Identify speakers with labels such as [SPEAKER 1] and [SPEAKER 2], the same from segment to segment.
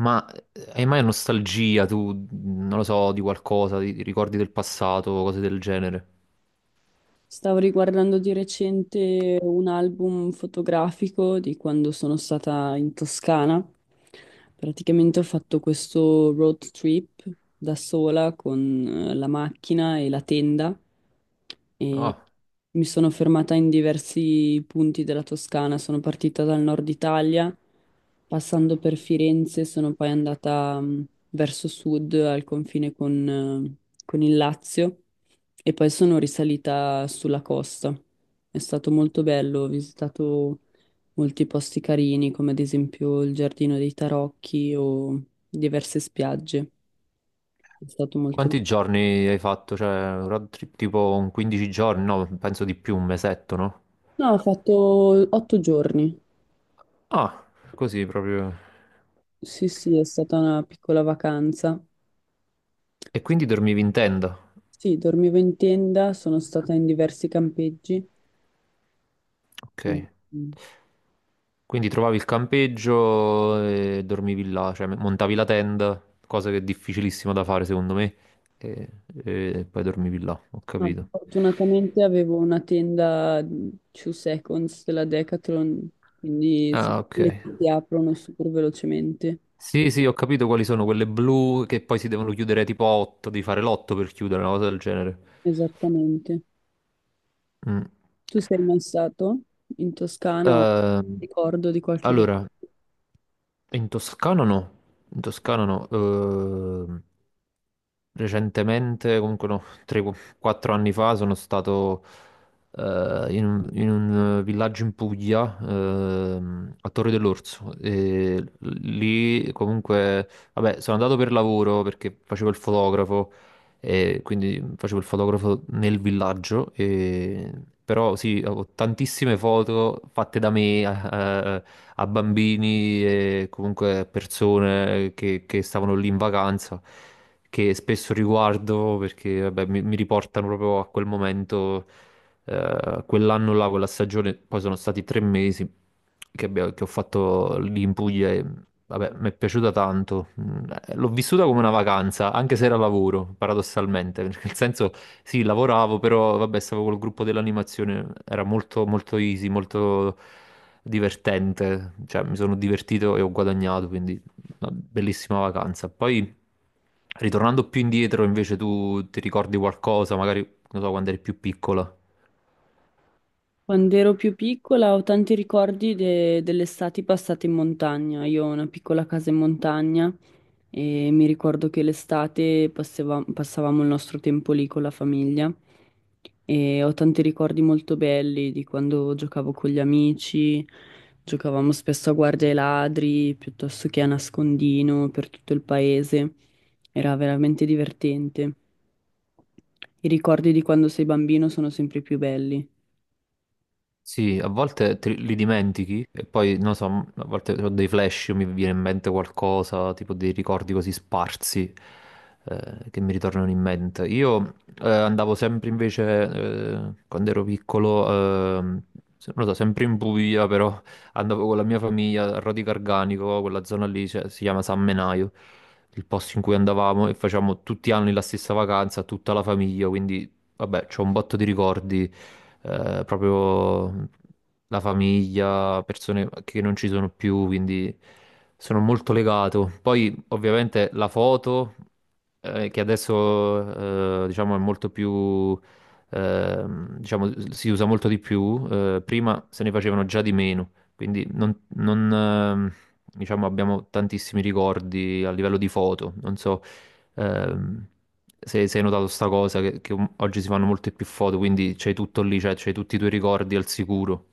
[SPEAKER 1] Ma hai mai nostalgia tu, non lo so, di qualcosa, di ricordi del passato, cose del genere?
[SPEAKER 2] Stavo riguardando di recente un album fotografico di quando sono stata in Toscana. Praticamente ho fatto questo road trip da sola con la macchina e la tenda.
[SPEAKER 1] Ah,
[SPEAKER 2] Mi sono fermata in diversi punti della Toscana, sono partita dal nord Italia, passando per Firenze, sono poi andata verso sud al confine con il Lazio e poi sono risalita sulla costa. È stato molto bello, ho visitato molti posti carini, come ad esempio il Giardino dei Tarocchi o diverse spiagge. È stato molto bello.
[SPEAKER 1] quanti giorni hai fatto? Cioè, un road trip tipo un 15 giorni? No, penso di più, un mesetto, no?
[SPEAKER 2] No, ho fatto 8 giorni.
[SPEAKER 1] Ah, così proprio.
[SPEAKER 2] Sì, sì, è stata una piccola vacanza.
[SPEAKER 1] E quindi dormivi in tenda?
[SPEAKER 2] Sì, dormivo in tenda, sono stata in diversi campeggi.
[SPEAKER 1] Ok.
[SPEAKER 2] Mm.
[SPEAKER 1] Quindi trovavi il campeggio e dormivi là, cioè montavi la tenda, cosa che è difficilissima da fare secondo me, e poi dormivi là, ho
[SPEAKER 2] Ma
[SPEAKER 1] capito.
[SPEAKER 2] fortunatamente avevo una tenda 2 seconds della Decathlon, quindi sono
[SPEAKER 1] Ah, ok.
[SPEAKER 2] quelle che si aprono super velocemente.
[SPEAKER 1] Sì, sì, ho capito quali sono quelle blu che poi si devono chiudere tipo a 8, devi fare l'otto per chiudere, una cosa del genere.
[SPEAKER 2] Esattamente.
[SPEAKER 1] Mm.
[SPEAKER 2] Tu sei mai stato in Toscana o
[SPEAKER 1] Ehm,
[SPEAKER 2] ricordo di qualche viaggio?
[SPEAKER 1] allora, in Toscana no, in Toscana no. Recentemente, comunque no, 3-4 anni fa sono stato in un villaggio in Puglia, a Torre dell'Orso. E lì comunque, vabbè, sono andato per lavoro perché facevo il fotografo. E quindi facevo il fotografo nel villaggio, però sì, ho tantissime foto fatte da me a, a- a bambini e comunque a persone che stavano lì in vacanza, che spesso riguardo perché vabbè, mi riportano proprio a quel momento, a quell'anno là, quella stagione. Poi sono stati 3 mesi che ho fatto lì in Puglia e vabbè, mi è piaciuta tanto. L'ho vissuta come una vacanza, anche se era lavoro, paradossalmente. Perché nel senso, sì, lavoravo, però vabbè, stavo col gruppo dell'animazione, era molto, molto easy, molto divertente. Cioè, mi sono divertito e ho guadagnato, quindi una bellissima vacanza. Poi, ritornando più indietro, invece, tu ti ricordi qualcosa, magari, non so, quando eri più piccola.
[SPEAKER 2] Quando ero più piccola ho tanti ricordi delle estati passate in montagna. Io ho una piccola casa in montagna e mi ricordo che l'estate passavamo il nostro tempo lì con la famiglia e ho tanti ricordi molto belli di quando giocavo con gli amici, giocavamo spesso a guardia ai ladri piuttosto che a nascondino per tutto il paese. Era veramente divertente. I ricordi di quando sei bambino sono sempre più belli.
[SPEAKER 1] Sì, a volte te li dimentichi e poi, non so, a volte ho dei flash, mi viene in mente qualcosa, tipo dei ricordi così sparsi che mi ritornano in mente. Io andavo sempre invece, quando ero piccolo, non lo so, sempre in Puglia, però andavo con la mia famiglia a Rodi Garganico, quella zona lì, cioè, si chiama San Menaio, il posto in cui andavamo e facevamo tutti gli anni la stessa vacanza, tutta la famiglia. Quindi vabbè, c'ho un botto di ricordi, proprio la famiglia, persone che non ci sono più, quindi sono molto legato. Poi ovviamente la foto, che adesso diciamo è molto più, diciamo si usa molto di più, prima se ne facevano già di meno, quindi non, diciamo abbiamo tantissimi ricordi a livello di foto, non so. Ehm, se hai notato sta cosa, che oggi si fanno molte più foto, quindi c'hai tutto lì, cioè c'hai tutti i tuoi ricordi al sicuro.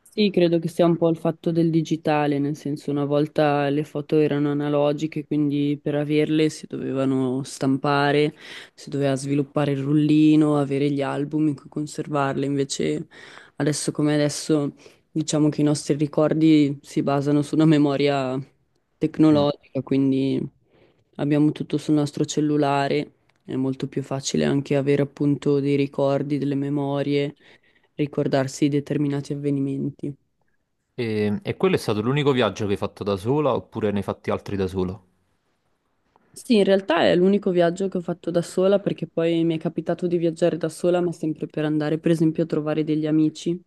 [SPEAKER 2] Sì, credo che sia un po' il fatto del digitale, nel senso una volta le foto erano analogiche, quindi per averle si dovevano stampare, si doveva sviluppare il rullino, avere gli album in cui conservarle. Invece adesso come adesso diciamo che i nostri ricordi si basano su una memoria
[SPEAKER 1] Mm.
[SPEAKER 2] tecnologica, quindi abbiamo tutto sul nostro cellulare, è molto più facile anche avere appunto dei ricordi, delle memorie ricordarsi determinati avvenimenti.
[SPEAKER 1] E quello è stato l'unico viaggio che hai fatto da sola oppure ne hai fatti altri da sola?
[SPEAKER 2] Sì, in realtà è l'unico viaggio che ho fatto da sola perché poi mi è capitato di viaggiare da sola, ma sempre per andare, per esempio, a trovare degli amici.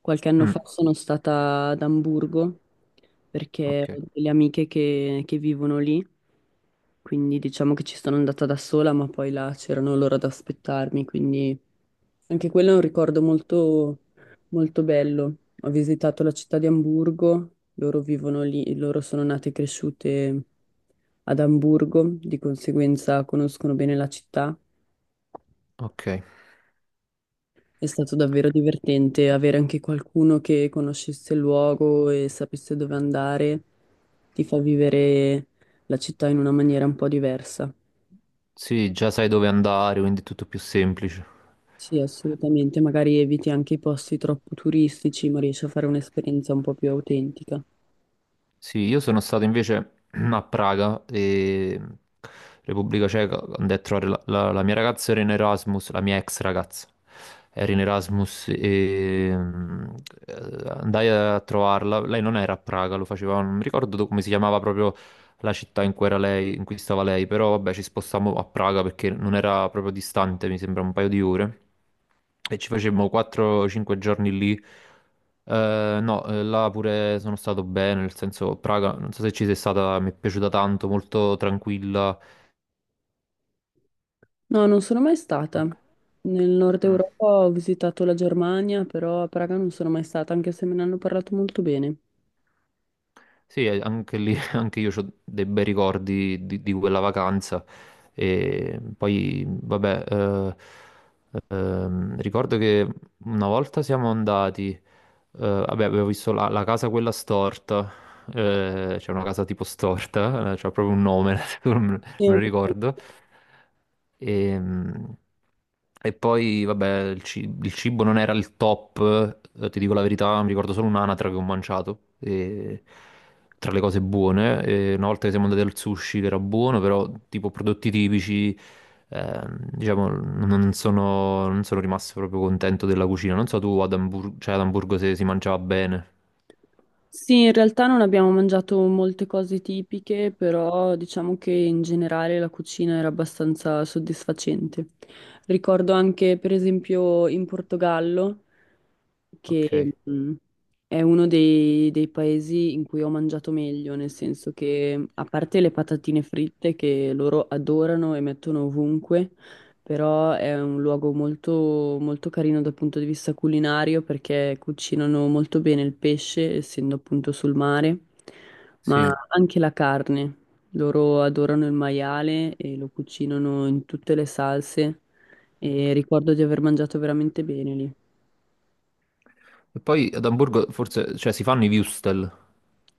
[SPEAKER 2] Qualche anno fa
[SPEAKER 1] Mm,
[SPEAKER 2] sono stata ad Amburgo perché
[SPEAKER 1] ok,
[SPEAKER 2] ho delle amiche che vivono lì, quindi diciamo che ci sono andata da sola, ma poi là c'erano loro ad aspettarmi, quindi anche quello è un ricordo molto, molto bello. Ho visitato la città di Amburgo, loro vivono lì, loro sono nate e cresciute ad Amburgo, di conseguenza conoscono bene la città.
[SPEAKER 1] ok.
[SPEAKER 2] È stato davvero divertente avere anche qualcuno che conoscesse il luogo e sapesse dove andare, ti fa vivere la città in una maniera un po' diversa.
[SPEAKER 1] Sì, già sai dove andare, quindi è tutto più semplice.
[SPEAKER 2] Sì, assolutamente, magari eviti anche i posti troppo turistici, ma riesci a fare un'esperienza un po' più autentica.
[SPEAKER 1] Sì, io sono stato invece a Praga, e Repubblica Ceca. Andai a trovare la, la mia ragazza, era in Erasmus, la mia ex ragazza era in Erasmus e eh, andai a trovarla. Lei non era a Praga, lo faceva, non mi ricordo come si chiamava proprio la città in cui era lei, in cui stava lei, però vabbè ci spostammo a Praga perché non era proprio distante, mi sembra un paio di ore. E ci facemmo 4-5 giorni lì. No, Là pure sono stato bene, nel senso, Praga, non so se ci sei stata, mi è piaciuta tanto, molto tranquilla.
[SPEAKER 2] No, non sono mai stata. Nel nord
[SPEAKER 1] Mm.
[SPEAKER 2] Europa ho visitato la Germania, però a Praga non sono mai stata, anche se me ne hanno parlato molto bene.
[SPEAKER 1] Sì, anche lì, anche io ho dei bei ricordi di quella vacanza. E poi, vabbè, ricordo che una volta siamo andati, vabbè, avevo visto la, la casa quella storta, c'è una casa tipo storta, c'ha proprio un nome, me
[SPEAKER 2] Eh,
[SPEAKER 1] lo ricordo. Ehm, E poi, vabbè, il cibo non era il top, ti dico la verità, mi ricordo solo un'anatra che ho mangiato, tra le cose buone. E una volta che siamo andati al sushi, che era buono, però tipo prodotti tipici, diciamo, non sono rimasto proprio contento della cucina. Non so tu ad Hamburgo, cioè ad Amburgo se si mangiava bene.
[SPEAKER 2] Sì, in realtà non abbiamo mangiato molte cose tipiche, però diciamo che in generale la cucina era abbastanza soddisfacente. Ricordo anche, per esempio, in Portogallo,
[SPEAKER 1] Ok,
[SPEAKER 2] che è uno dei, dei paesi in cui ho mangiato meglio, nel senso che, a parte le patatine fritte che loro adorano e mettono ovunque, però è un luogo molto, molto carino dal punto di vista culinario perché cucinano molto bene il pesce, essendo appunto sul mare, ma
[SPEAKER 1] sì.
[SPEAKER 2] anche la carne. Loro adorano il maiale e lo cucinano in tutte le salse e ricordo di aver mangiato veramente bene lì.
[SPEAKER 1] E poi ad Amburgo forse, cioè si fanno i würstel.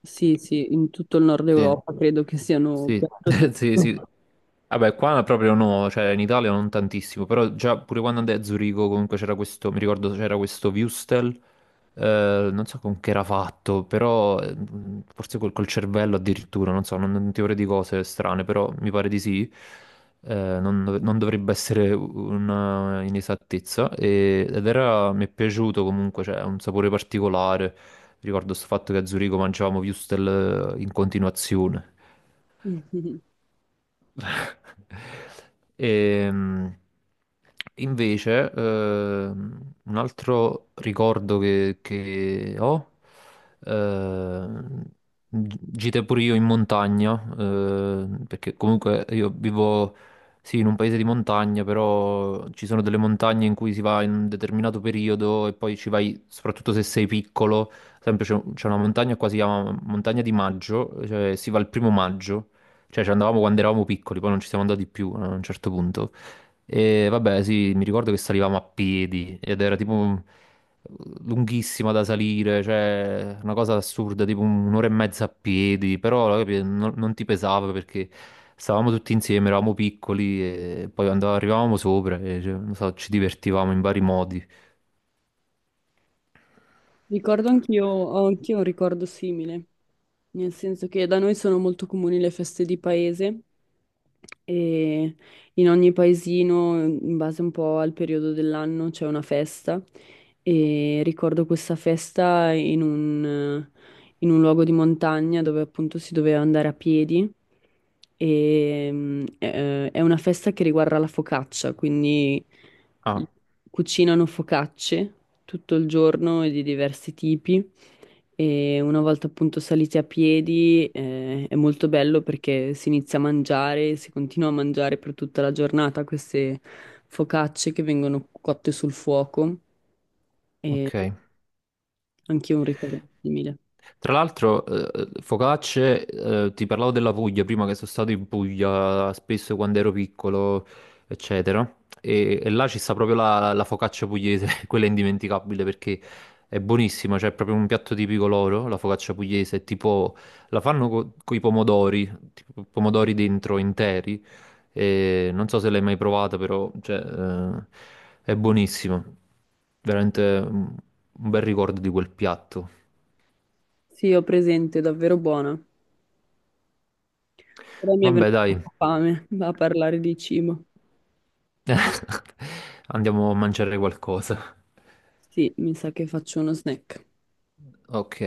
[SPEAKER 2] Sì, sì, in tutto il nord
[SPEAKER 1] Sì,
[SPEAKER 2] Europa credo che siano
[SPEAKER 1] sì,
[SPEAKER 2] piatto
[SPEAKER 1] sì, sì.
[SPEAKER 2] tipico.
[SPEAKER 1] Vabbè, qua proprio no, cioè in Italia non tantissimo, però già pure quando andai a Zurigo comunque c'era questo, mi ricordo c'era questo Wüstel, non so con che era fatto, però forse col cervello addirittura, non so, non ti vorrei di cose strane, però mi pare di sì, eh, non dovrebbe essere una inesattezza, ed era, mi è piaciuto comunque, cioè ha un sapore particolare. Ricordo sto fatto che a Zurigo mangiavamo würstel in continuazione. Ehm, Invece, un altro ricordo che ho, ehm, gite pure io in montagna, perché comunque io vivo, sì, in un paese di montagna, però ci sono delle montagne in cui si va in un determinato periodo e poi ci vai, soprattutto se sei piccolo. Sempre c'è una montagna qua, si chiama Montagna di Maggio, cioè si va il primo maggio. Cioè, ci andavamo quando eravamo piccoli, poi non ci siamo andati più a un certo punto. E vabbè, sì, mi ricordo che salivamo a piedi ed era tipo lunghissima da salire, cioè una cosa assurda, tipo un'ora e mezza a piedi, però non ti pesava perché stavamo tutti insieme, eravamo piccoli e poi andavamo, arrivavamo sopra e cioè, non so, ci divertivamo in vari modi.
[SPEAKER 2] Ricordo anch'io, ho anch'io un ricordo simile. Nel senso che da noi sono molto comuni le feste di paese e in ogni paesino, in base un po' al periodo dell'anno, c'è una festa e ricordo questa festa in un luogo di montagna dove appunto si doveva andare a piedi e è una festa che riguarda la focaccia, quindi
[SPEAKER 1] Ah,
[SPEAKER 2] cucinano focacce tutto il giorno e di diversi tipi. E una volta appunto saliti a piedi, è molto bello perché si inizia a mangiare, si continua a mangiare per tutta la giornata queste focacce che vengono cotte sul fuoco e
[SPEAKER 1] ok.
[SPEAKER 2] anche un ricordo simile.
[SPEAKER 1] Tra l'altro, focacce, ti parlavo della Puglia prima, che sono stato in Puglia spesso quando ero piccolo, eccetera. E là ci sta proprio la, la focaccia pugliese, quella è indimenticabile perché è buonissima, cioè è proprio un piatto tipico loro, la focaccia pugliese, è tipo la fanno con i pomodori, tipo pomodori dentro interi. E non so se l'hai mai provata, però cioè, è buonissima. Veramente un bel ricordo di quel piatto.
[SPEAKER 2] Sì, ho presente, è davvero buona. Però mi è venuta
[SPEAKER 1] Vabbè, dai.
[SPEAKER 2] fame a parlare di cibo.
[SPEAKER 1] Andiamo a mangiare qualcosa.
[SPEAKER 2] Sì, mi sa che faccio uno snack.
[SPEAKER 1] Ok.